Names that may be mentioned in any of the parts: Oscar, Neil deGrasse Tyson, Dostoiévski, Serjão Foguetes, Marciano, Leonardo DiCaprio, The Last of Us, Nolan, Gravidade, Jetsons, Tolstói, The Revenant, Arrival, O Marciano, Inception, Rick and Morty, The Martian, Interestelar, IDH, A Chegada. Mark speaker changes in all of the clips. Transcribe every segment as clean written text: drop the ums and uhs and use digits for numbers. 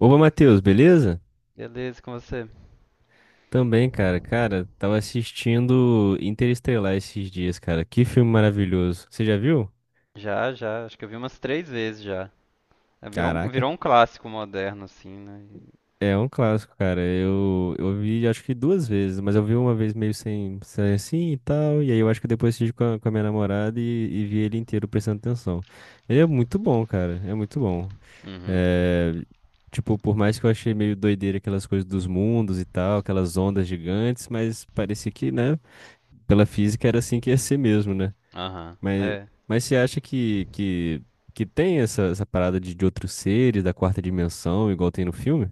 Speaker 1: Opa, Matheus, beleza?
Speaker 2: Beleza, e com você?
Speaker 1: Também, cara. Cara, tava assistindo Interestelar esses dias, cara. Que filme maravilhoso. Você já viu?
Speaker 2: Já, já. Acho que eu vi umas três vezes já. É, virou um,
Speaker 1: Caraca,
Speaker 2: virou um clássico moderno, assim, né? E-
Speaker 1: é um clássico, cara. Eu vi acho que duas vezes, mas eu vi uma vez meio sem assim e tal. E aí eu acho que depois assisti com a minha namorada e vi ele inteiro prestando atenção. Ele é muito bom, cara. É muito bom.
Speaker 2: Uhum.
Speaker 1: É. Tipo, por mais que eu achei meio doideira aquelas coisas dos mundos e tal, aquelas ondas gigantes, mas parecia que, né? Pela física era assim que ia ser mesmo, né?
Speaker 2: Aham.
Speaker 1: Mas, mas você acha que tem essa, essa parada de outros seres da quarta dimensão, igual tem no filme?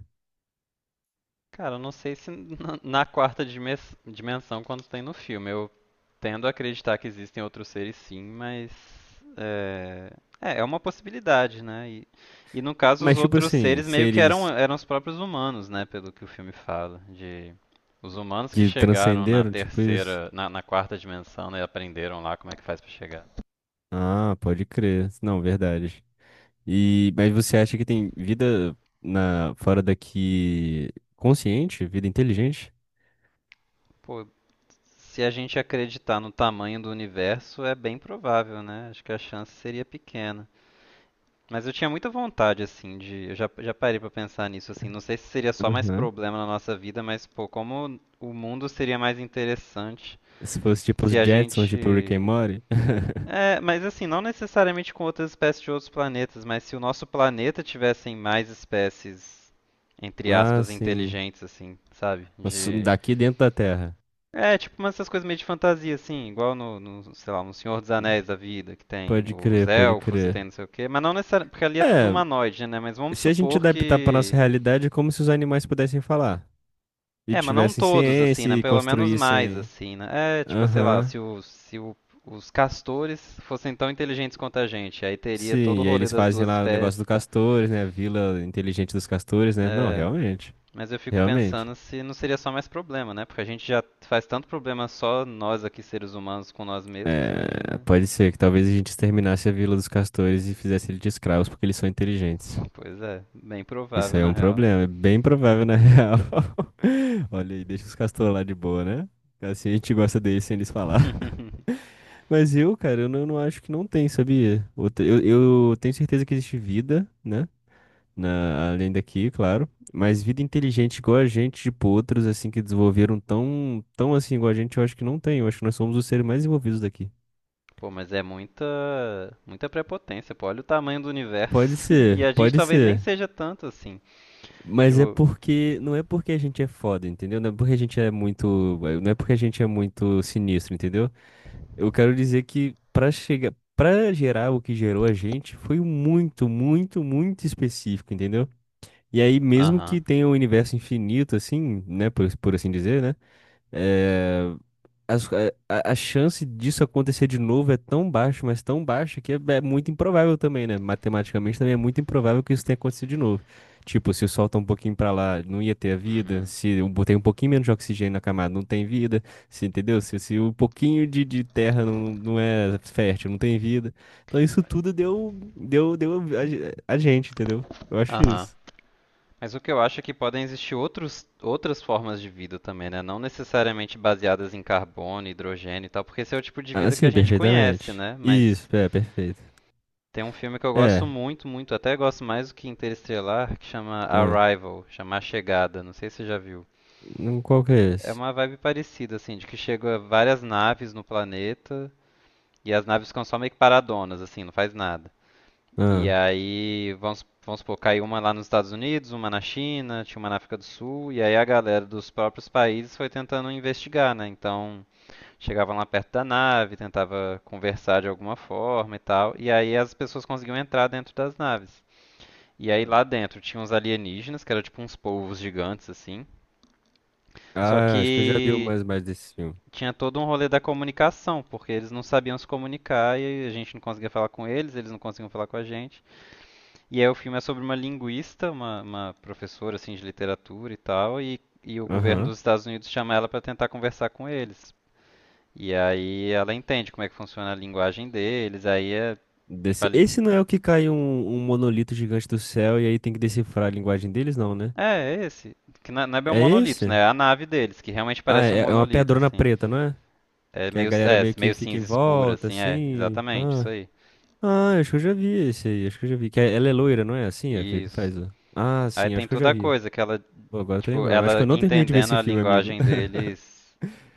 Speaker 2: Cara, eu não sei se na quarta dimensão quando tem no filme. Eu tendo a acreditar que existem outros seres sim, mas é, é uma possibilidade, né? E no caso os
Speaker 1: Mas tipo
Speaker 2: outros
Speaker 1: assim,
Speaker 2: seres meio que
Speaker 1: seres
Speaker 2: eram os próprios humanos, né? Pelo que o filme fala, de os humanos que
Speaker 1: que
Speaker 2: chegaram
Speaker 1: transcenderam, tipo isso?
Speaker 2: na quarta dimensão, né? E aprenderam lá como é que faz pra chegar.
Speaker 1: Ah, pode crer. Não, verdade. E, mas você acha que tem vida na, fora daqui consciente, vida inteligente?
Speaker 2: Pô, se a gente acreditar no tamanho do universo, é bem provável, né? Acho que a chance seria pequena. Mas eu tinha muita vontade, assim, de. Eu já parei pra pensar nisso, assim. Não sei se seria só mais
Speaker 1: Aham.
Speaker 2: problema na nossa vida, mas, pô, como o mundo seria mais interessante
Speaker 1: Se fosse tipo os
Speaker 2: se a
Speaker 1: Jetsons, tipo Rick and
Speaker 2: gente.
Speaker 1: Morty.
Speaker 2: É, mas assim, não necessariamente com outras espécies de outros planetas, mas se o nosso planeta tivessem mais espécies, entre
Speaker 1: Ah,
Speaker 2: aspas,
Speaker 1: sim.
Speaker 2: inteligentes, assim, sabe?
Speaker 1: Mas
Speaker 2: De.
Speaker 1: daqui dentro da Terra.
Speaker 2: É, tipo umas essas coisas meio de fantasia, assim, igual sei lá, no Senhor dos Anéis da vida, que tem
Speaker 1: Pode
Speaker 2: os
Speaker 1: crer, pode
Speaker 2: elfos e
Speaker 1: crer.
Speaker 2: tem não sei o quê, mas não necessariamente, porque ali é tudo
Speaker 1: É,
Speaker 2: humanoide, né? Mas vamos
Speaker 1: se a gente
Speaker 2: supor
Speaker 1: adaptar para nossa
Speaker 2: que...
Speaker 1: realidade, é como se os animais pudessem falar. E
Speaker 2: É, mas não
Speaker 1: tivessem
Speaker 2: todos, assim,
Speaker 1: ciência
Speaker 2: né?
Speaker 1: e
Speaker 2: Pelo menos mais,
Speaker 1: construíssem.
Speaker 2: assim, né? É, tipo, sei lá,
Speaker 1: Aham.
Speaker 2: se os castores fossem tão inteligentes quanto a gente, aí teria todo
Speaker 1: Sim,
Speaker 2: o
Speaker 1: e aí
Speaker 2: rolê
Speaker 1: eles
Speaker 2: das
Speaker 1: fazem
Speaker 2: duas
Speaker 1: lá o negócio
Speaker 2: espécies,
Speaker 1: do
Speaker 2: tá?
Speaker 1: castores, né? A vila inteligente dos castores, né? Não,
Speaker 2: É,
Speaker 1: realmente.
Speaker 2: mas eu fico
Speaker 1: Realmente.
Speaker 2: pensando se não seria só mais problema, né? Porque a gente já faz tanto problema só nós aqui, seres humanos, com nós mesmos,
Speaker 1: É,
Speaker 2: imagina.
Speaker 1: pode ser que talvez a gente exterminasse a vila dos castores e fizesse eles de escravos porque eles são inteligentes.
Speaker 2: Pois é, bem
Speaker 1: Isso
Speaker 2: provável
Speaker 1: aí é
Speaker 2: na
Speaker 1: um
Speaker 2: real.
Speaker 1: problema, é bem provável na real. Olha aí, deixa os castores lá de boa, né? Assim a gente gosta deles sem eles falar. Mas eu, cara, eu não acho que não tem, sabia? Eu tenho certeza que existe vida, né? Na, além daqui, claro. Mas vida inteligente igual a gente, tipo outros, assim, que desenvolveram tão assim igual a gente, eu acho que não tem. Eu acho que nós somos os seres mais envolvidos daqui.
Speaker 2: Pô, mas é muita prepotência, pô. Olha o tamanho do
Speaker 1: Pode
Speaker 2: universo. E
Speaker 1: ser,
Speaker 2: a gente
Speaker 1: pode
Speaker 2: talvez nem
Speaker 1: ser.
Speaker 2: seja tanto assim.
Speaker 1: Mas é
Speaker 2: Tipo,
Speaker 1: porque, não é porque a gente é foda, entendeu? Não é porque a gente é muito, não é porque a gente é muito sinistro, entendeu? Eu quero dizer que pra chegar, para gerar o que gerou a gente foi muito, muito, muito específico, entendeu? E aí mesmo
Speaker 2: aham,
Speaker 1: que tenha um universo infinito assim, né, por assim dizer, né? É, as- a chance disso acontecer de novo é tão baixa, mas tão baixa que é muito improvável também, né? Matematicamente também é muito improvável que isso tenha acontecido de novo. Tipo, se solta um pouquinho pra lá, não ia ter a vida.
Speaker 2: uhum,
Speaker 1: Se eu botei um pouquinho menos de oxigênio na camada, não tem vida. Se, entendeu? Se um pouquinho de terra não é fértil, não tem vida. Então isso tudo deu a gente, entendeu? Eu acho
Speaker 2: aham.
Speaker 1: isso.
Speaker 2: Mas o que eu acho é que podem existir outras formas de vida também, né? Não necessariamente baseadas em carbono, hidrogênio e tal, porque esse é o tipo de
Speaker 1: Ah,
Speaker 2: vida que a
Speaker 1: sim,
Speaker 2: gente conhece,
Speaker 1: perfeitamente.
Speaker 2: né?
Speaker 1: Isso,
Speaker 2: Mas
Speaker 1: é, perfeito.
Speaker 2: tem um filme que eu gosto
Speaker 1: É.
Speaker 2: muito, até gosto mais do que Interestelar, que chama
Speaker 1: Ah,
Speaker 2: Arrival, chama A Chegada. Não sei se você já viu.
Speaker 1: qual que é
Speaker 2: É
Speaker 1: esse?
Speaker 2: uma vibe parecida, assim, de que chega várias naves no planeta e as naves ficam só meio que paradonas, assim, não faz nada. E aí, vamos supor, caiu uma lá nos Estados Unidos, uma na China, tinha uma na África do Sul, e aí a galera dos próprios países foi tentando investigar, né? Então, chegavam lá perto da nave, tentava conversar de alguma forma e tal, e aí as pessoas conseguiam entrar dentro das naves. E aí
Speaker 1: Hum.
Speaker 2: lá dentro tinha uns alienígenas, que eram tipo uns polvos gigantes assim. Só
Speaker 1: Ah, acho que eu já vi
Speaker 2: que
Speaker 1: mais, mais desse filme.
Speaker 2: tinha todo um rolê da comunicação, porque eles não sabiam se comunicar e a gente não conseguia falar com eles, eles não conseguiam falar com a gente. E aí o filme é sobre uma linguista, uma professora assim de literatura e tal, e o governo
Speaker 1: Aham.
Speaker 2: dos Estados Unidos chama ela para tentar conversar com eles. E aí ela entende como é que funciona a linguagem deles, aí é tipo a
Speaker 1: Desse... Esse não é o que cai um, um monolito gigante do céu e aí tem que decifrar a linguagem deles, não, né?
Speaker 2: é, é esse. Que não é bem um
Speaker 1: É
Speaker 2: monolito, né?
Speaker 1: esse?
Speaker 2: É a nave deles, que realmente
Speaker 1: Ah,
Speaker 2: parece um
Speaker 1: é, é uma
Speaker 2: monolito,
Speaker 1: pedrona
Speaker 2: assim.
Speaker 1: preta, não é?
Speaker 2: É
Speaker 1: Que a galera meio que
Speaker 2: meio
Speaker 1: fica em
Speaker 2: cinza escura,
Speaker 1: volta,
Speaker 2: assim, é,
Speaker 1: assim.
Speaker 2: exatamente, isso
Speaker 1: Ah,
Speaker 2: aí.
Speaker 1: ah, acho que eu já vi esse aí, acho que eu já vi. Que é- ela é loira, não é? Assim, é que
Speaker 2: Isso.
Speaker 1: faz. O- Ah,
Speaker 2: Aí
Speaker 1: sim,
Speaker 2: tem
Speaker 1: acho que eu
Speaker 2: toda
Speaker 1: já
Speaker 2: a
Speaker 1: vi.
Speaker 2: coisa que ela,
Speaker 1: Pô, agora eu tô
Speaker 2: tipo,
Speaker 1: lembrando. Acho que
Speaker 2: ela
Speaker 1: eu não terminei de ver
Speaker 2: entendendo
Speaker 1: esse
Speaker 2: a
Speaker 1: filme, amigo.
Speaker 2: linguagem deles,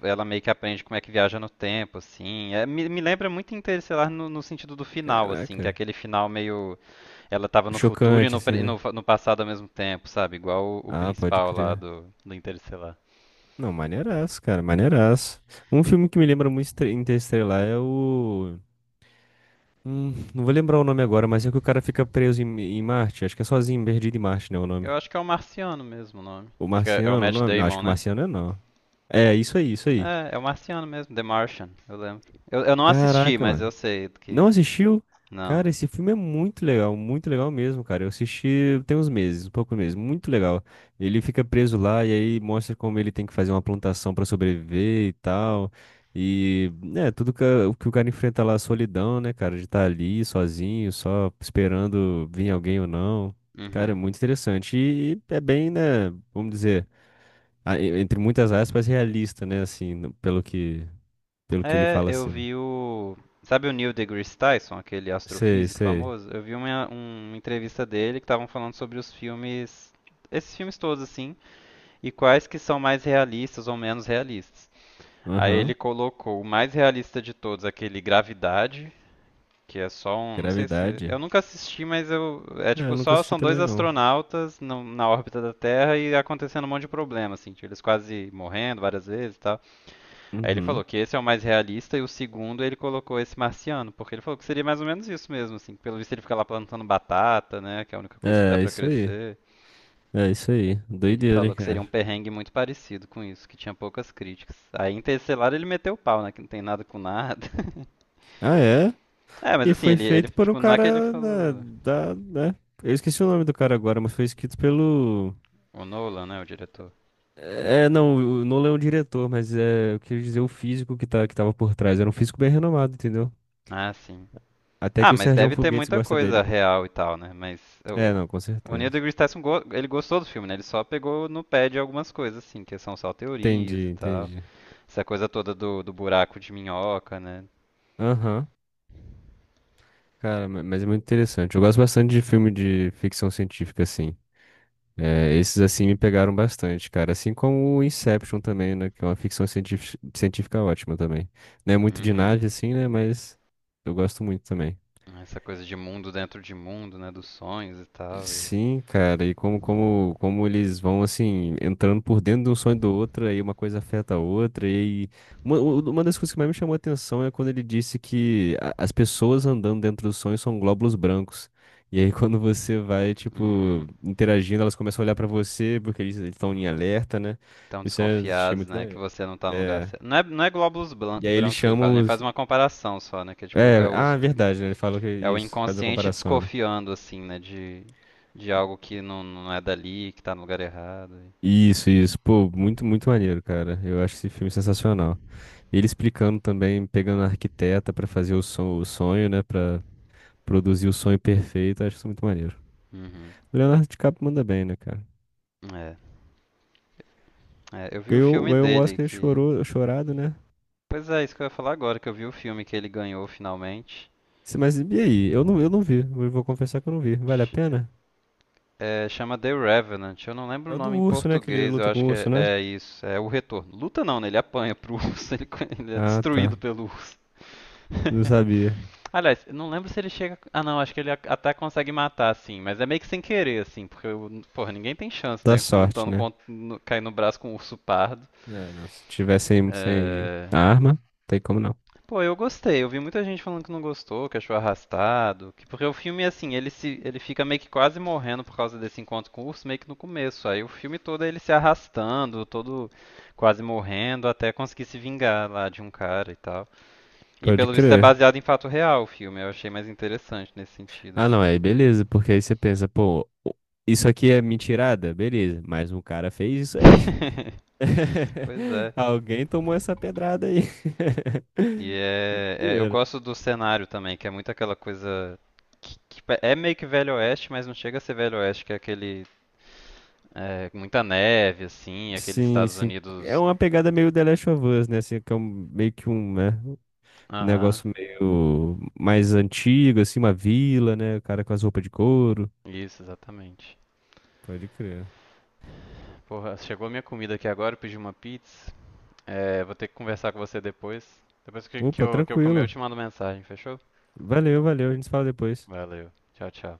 Speaker 2: ela meio que aprende como é que viaja no tempo, assim. É, me lembra muito Interestelar no sentido do final, assim, que é
Speaker 1: Caraca.
Speaker 2: aquele final meio. Ela tava no futuro e
Speaker 1: Chocante, assim, né?
Speaker 2: no, no passado ao mesmo tempo, sabe? Igual o
Speaker 1: Ah, pode
Speaker 2: principal lá
Speaker 1: crer.
Speaker 2: do Interestelar.
Speaker 1: Não, maneiraço, cara, maneiraço. Um filme que me lembra muito Estre- Interestelar é o. Não vou lembrar o nome agora, mas é que o cara fica preso em, em Marte. Acho que é sozinho, perdido em Marte, né? O nome.
Speaker 2: Eu acho que é o Marciano mesmo o nome.
Speaker 1: O
Speaker 2: Que é, é o
Speaker 1: Marciano, o
Speaker 2: Matt
Speaker 1: nome? Não, acho
Speaker 2: Damon,
Speaker 1: que o
Speaker 2: né?
Speaker 1: Marciano é não. É, isso aí, isso aí.
Speaker 2: É, é o Marciano mesmo, The Martian, eu lembro. Eu não assisti,
Speaker 1: Caraca,
Speaker 2: mas eu
Speaker 1: mano.
Speaker 2: sei
Speaker 1: Não
Speaker 2: que.
Speaker 1: assistiu?
Speaker 2: Não.
Speaker 1: Cara, esse filme é muito legal mesmo, cara. Eu assisti tem uns meses, um pouco mesmo, muito legal. Ele fica preso lá e aí mostra como ele tem que fazer uma plantação pra sobreviver e tal. E, né, tudo que, a- o que o cara enfrenta lá, a solidão, né, cara, de estar ali sozinho, só esperando vir alguém ou não. Cara, é
Speaker 2: Uhum.
Speaker 1: muito interessante. E é bem, né, vamos dizer, a- e- entre muitas aspas, realista, né, assim, no- pelo que ele
Speaker 2: É,
Speaker 1: fala
Speaker 2: eu
Speaker 1: assim.
Speaker 2: vi o. Sabe o Neil deGrasse Tyson, aquele
Speaker 1: Sei,
Speaker 2: astrofísico
Speaker 1: sei.
Speaker 2: famoso? Eu vi uma entrevista dele que estavam falando sobre os filmes, esses filmes todos assim, e quais que são mais realistas ou menos realistas. Aí ele
Speaker 1: Aham.
Speaker 2: colocou o mais realista de todos, aquele Gravidade, que é só um, não sei se, eu
Speaker 1: Gravidade?
Speaker 2: nunca assisti, mas eu, é
Speaker 1: É, eu
Speaker 2: tipo
Speaker 1: nunca
Speaker 2: só
Speaker 1: assisti
Speaker 2: são dois
Speaker 1: também não.
Speaker 2: astronautas na órbita da Terra e acontecendo um monte de problema assim, tipo, eles quase morrendo várias vezes, e tal. Aí ele falou
Speaker 1: Uhum.
Speaker 2: que esse é o mais realista e o segundo ele colocou esse marciano, porque ele falou que seria mais ou menos isso mesmo, assim, que pelo visto ele fica lá plantando batata, né, que é a única coisa que dá
Speaker 1: É,
Speaker 2: pra
Speaker 1: isso aí.
Speaker 2: crescer.
Speaker 1: É isso aí.
Speaker 2: Ele
Speaker 1: Doideira,
Speaker 2: falou que seria
Speaker 1: cara.
Speaker 2: um perrengue muito parecido com isso, que tinha poucas críticas. Aí em Interestelar ele meteu o pau, né, que não tem nada com nada.
Speaker 1: Ah, é?
Speaker 2: É, mas
Speaker 1: E
Speaker 2: assim,
Speaker 1: foi
Speaker 2: ele
Speaker 1: feito por um
Speaker 2: tipo, não é que ele
Speaker 1: cara da,
Speaker 2: falou...
Speaker 1: da, né? Eu esqueci o nome do cara agora, mas foi escrito pelo.
Speaker 2: O Nolan, né, o diretor.
Speaker 1: É, não, o Nolan é um diretor, mas é, eu queria dizer o físico que, tá, que tava por trás. Era um físico bem renomado, entendeu?
Speaker 2: Ah, sim.
Speaker 1: Até
Speaker 2: Ah,
Speaker 1: que o
Speaker 2: mas
Speaker 1: Serjão
Speaker 2: deve ter
Speaker 1: Foguetes
Speaker 2: muita
Speaker 1: gosta
Speaker 2: coisa
Speaker 1: dele.
Speaker 2: real e tal, né? Mas
Speaker 1: É, não, com
Speaker 2: o Neil
Speaker 1: certeza.
Speaker 2: deGrasse Tyson, ele gostou do filme, né? Ele só pegou no pé de algumas coisas, assim, que são só teorias
Speaker 1: Entendi,
Speaker 2: e tal.
Speaker 1: entendi.
Speaker 2: Essa coisa toda do buraco de minhoca, né?
Speaker 1: Aham. Cara, ma- mas é muito interessante. Eu gosto bastante de filme de ficção científica, assim. É, esses assim me pegaram bastante, cara. Assim como o Inception também, né? Que é uma ficção científica ótima também. Não é muito de
Speaker 2: Uhum.
Speaker 1: nave, assim, né? Mas eu gosto muito também.
Speaker 2: Essa coisa de mundo dentro de mundo, né? Dos sonhos e tal. E...
Speaker 1: Sim, cara, e como eles vão assim, entrando por dentro de um sonho do outro, aí uma coisa afeta a outra, e aí- uma, u- uma das coisas que mais me chamou a atenção é quando ele disse que a- as pessoas andando dentro do sonho são glóbulos brancos. E aí quando você vai, tipo,
Speaker 2: Uhum.
Speaker 1: interagindo, elas começam a olhar pra você, porque eles estão em alerta, né?
Speaker 2: Tão
Speaker 1: Isso é, achei
Speaker 2: desconfiados,
Speaker 1: muito da
Speaker 2: né? Que
Speaker 1: hora.
Speaker 2: você não tá no lugar
Speaker 1: É.
Speaker 2: certo. Não é glóbulos
Speaker 1: E aí eles
Speaker 2: brancos que ele fala,
Speaker 1: chamam
Speaker 2: né? Ele faz
Speaker 1: os.
Speaker 2: uma comparação só, né? Que é tipo, é
Speaker 1: É,
Speaker 2: os,
Speaker 1: ah, verdade, né? Ele falou que é
Speaker 2: é o
Speaker 1: isso, faz a
Speaker 2: inconsciente
Speaker 1: comparação, né?
Speaker 2: desconfiando, assim, né? De algo que não, não é dali, que tá no lugar errado.
Speaker 1: Isso, isso. Pô, muito, muito maneiro, cara. Eu acho esse filme sensacional. Ele explicando também, pegando a arquiteta pra fazer o, son- o sonho, né? Pra produzir o sonho perfeito. Eu acho isso muito maneiro.
Speaker 2: Uhum.
Speaker 1: O Leonardo DiCaprio manda bem, né, cara?
Speaker 2: É. É, eu vi o.
Speaker 1: Ganhou,
Speaker 2: filme
Speaker 1: ganhou um
Speaker 2: dele
Speaker 1: Oscar,
Speaker 2: que.
Speaker 1: chorou, chorado, né?
Speaker 2: Pois é, isso que eu ia falar agora, que eu vi o filme que ele ganhou finalmente.
Speaker 1: Se- Mas e aí? Eu não vi. Eu vou confessar que eu não vi. Vale a
Speaker 2: Ch-
Speaker 1: pena?
Speaker 2: é, chama The Revenant. Eu não lembro
Speaker 1: É
Speaker 2: o
Speaker 1: o do
Speaker 2: nome em
Speaker 1: urso, né? Que ele
Speaker 2: português, eu
Speaker 1: luta com
Speaker 2: acho
Speaker 1: o
Speaker 2: que
Speaker 1: urso, né?
Speaker 2: é isso. É o retorno. Luta não, né? Ele apanha pro urso, ele é
Speaker 1: Ah,
Speaker 2: destruído
Speaker 1: tá.
Speaker 2: pelo urso.
Speaker 1: Não sabia.
Speaker 2: Aliás, eu não lembro se ele chega. Ah, não, acho que ele até consegue matar, assim, mas é meio que sem querer, assim, porque, porra, ninguém tem chance,
Speaker 1: Dá
Speaker 2: né?
Speaker 1: sorte,
Speaker 2: Lutando
Speaker 1: né?
Speaker 2: contra. No... cair no braço com um urso pardo.
Speaker 1: É, não. Se tiver sem
Speaker 2: É...
Speaker 1: arma, tem como não.
Speaker 2: Pô, eu gostei. Eu vi muita gente falando que não gostou, que achou arrastado. Que... Porque o filme, assim, ele se ele fica meio que quase morrendo por causa desse encontro com o urso, meio que no começo. Aí o filme todo é ele se arrastando, todo quase morrendo, até conseguir se vingar lá de um cara e tal. E
Speaker 1: Pode
Speaker 2: pelo visto é
Speaker 1: crer.
Speaker 2: baseado em fato real o filme. Eu achei mais interessante nesse sentido,
Speaker 1: Ah, não,
Speaker 2: assim.
Speaker 1: aí beleza, porque aí você pensa, pô, o- isso aqui é mentirada? Beleza, mas um cara fez isso aí.
Speaker 2: Pois é.
Speaker 1: Alguém tomou essa pedrada aí.
Speaker 2: E é, eu
Speaker 1: Doideira.
Speaker 2: gosto do cenário também, que é muito aquela coisa que é meio que Velho Oeste, mas não chega a ser Velho Oeste, que é aquele é, muita neve assim, aqueles
Speaker 1: Sim,
Speaker 2: Estados
Speaker 1: sim. É
Speaker 2: Unidos.
Speaker 1: uma pegada meio The Last of Us, né? Assim, que é um- meio que um, né? Um
Speaker 2: Aham,
Speaker 1: negócio meio mais antigo, assim, uma vila, né? O cara com as roupas de couro.
Speaker 2: isso, exatamente.
Speaker 1: Pode crer.
Speaker 2: Porra, chegou a minha comida aqui agora, eu pedi uma pizza. É, vou ter que conversar com você depois. Depois
Speaker 1: Opa,
Speaker 2: que eu comer, eu
Speaker 1: tranquilo.
Speaker 2: te mando mensagem, fechou?
Speaker 1: Valeu, valeu. A gente se fala depois.
Speaker 2: Valeu. Tchau, tchau.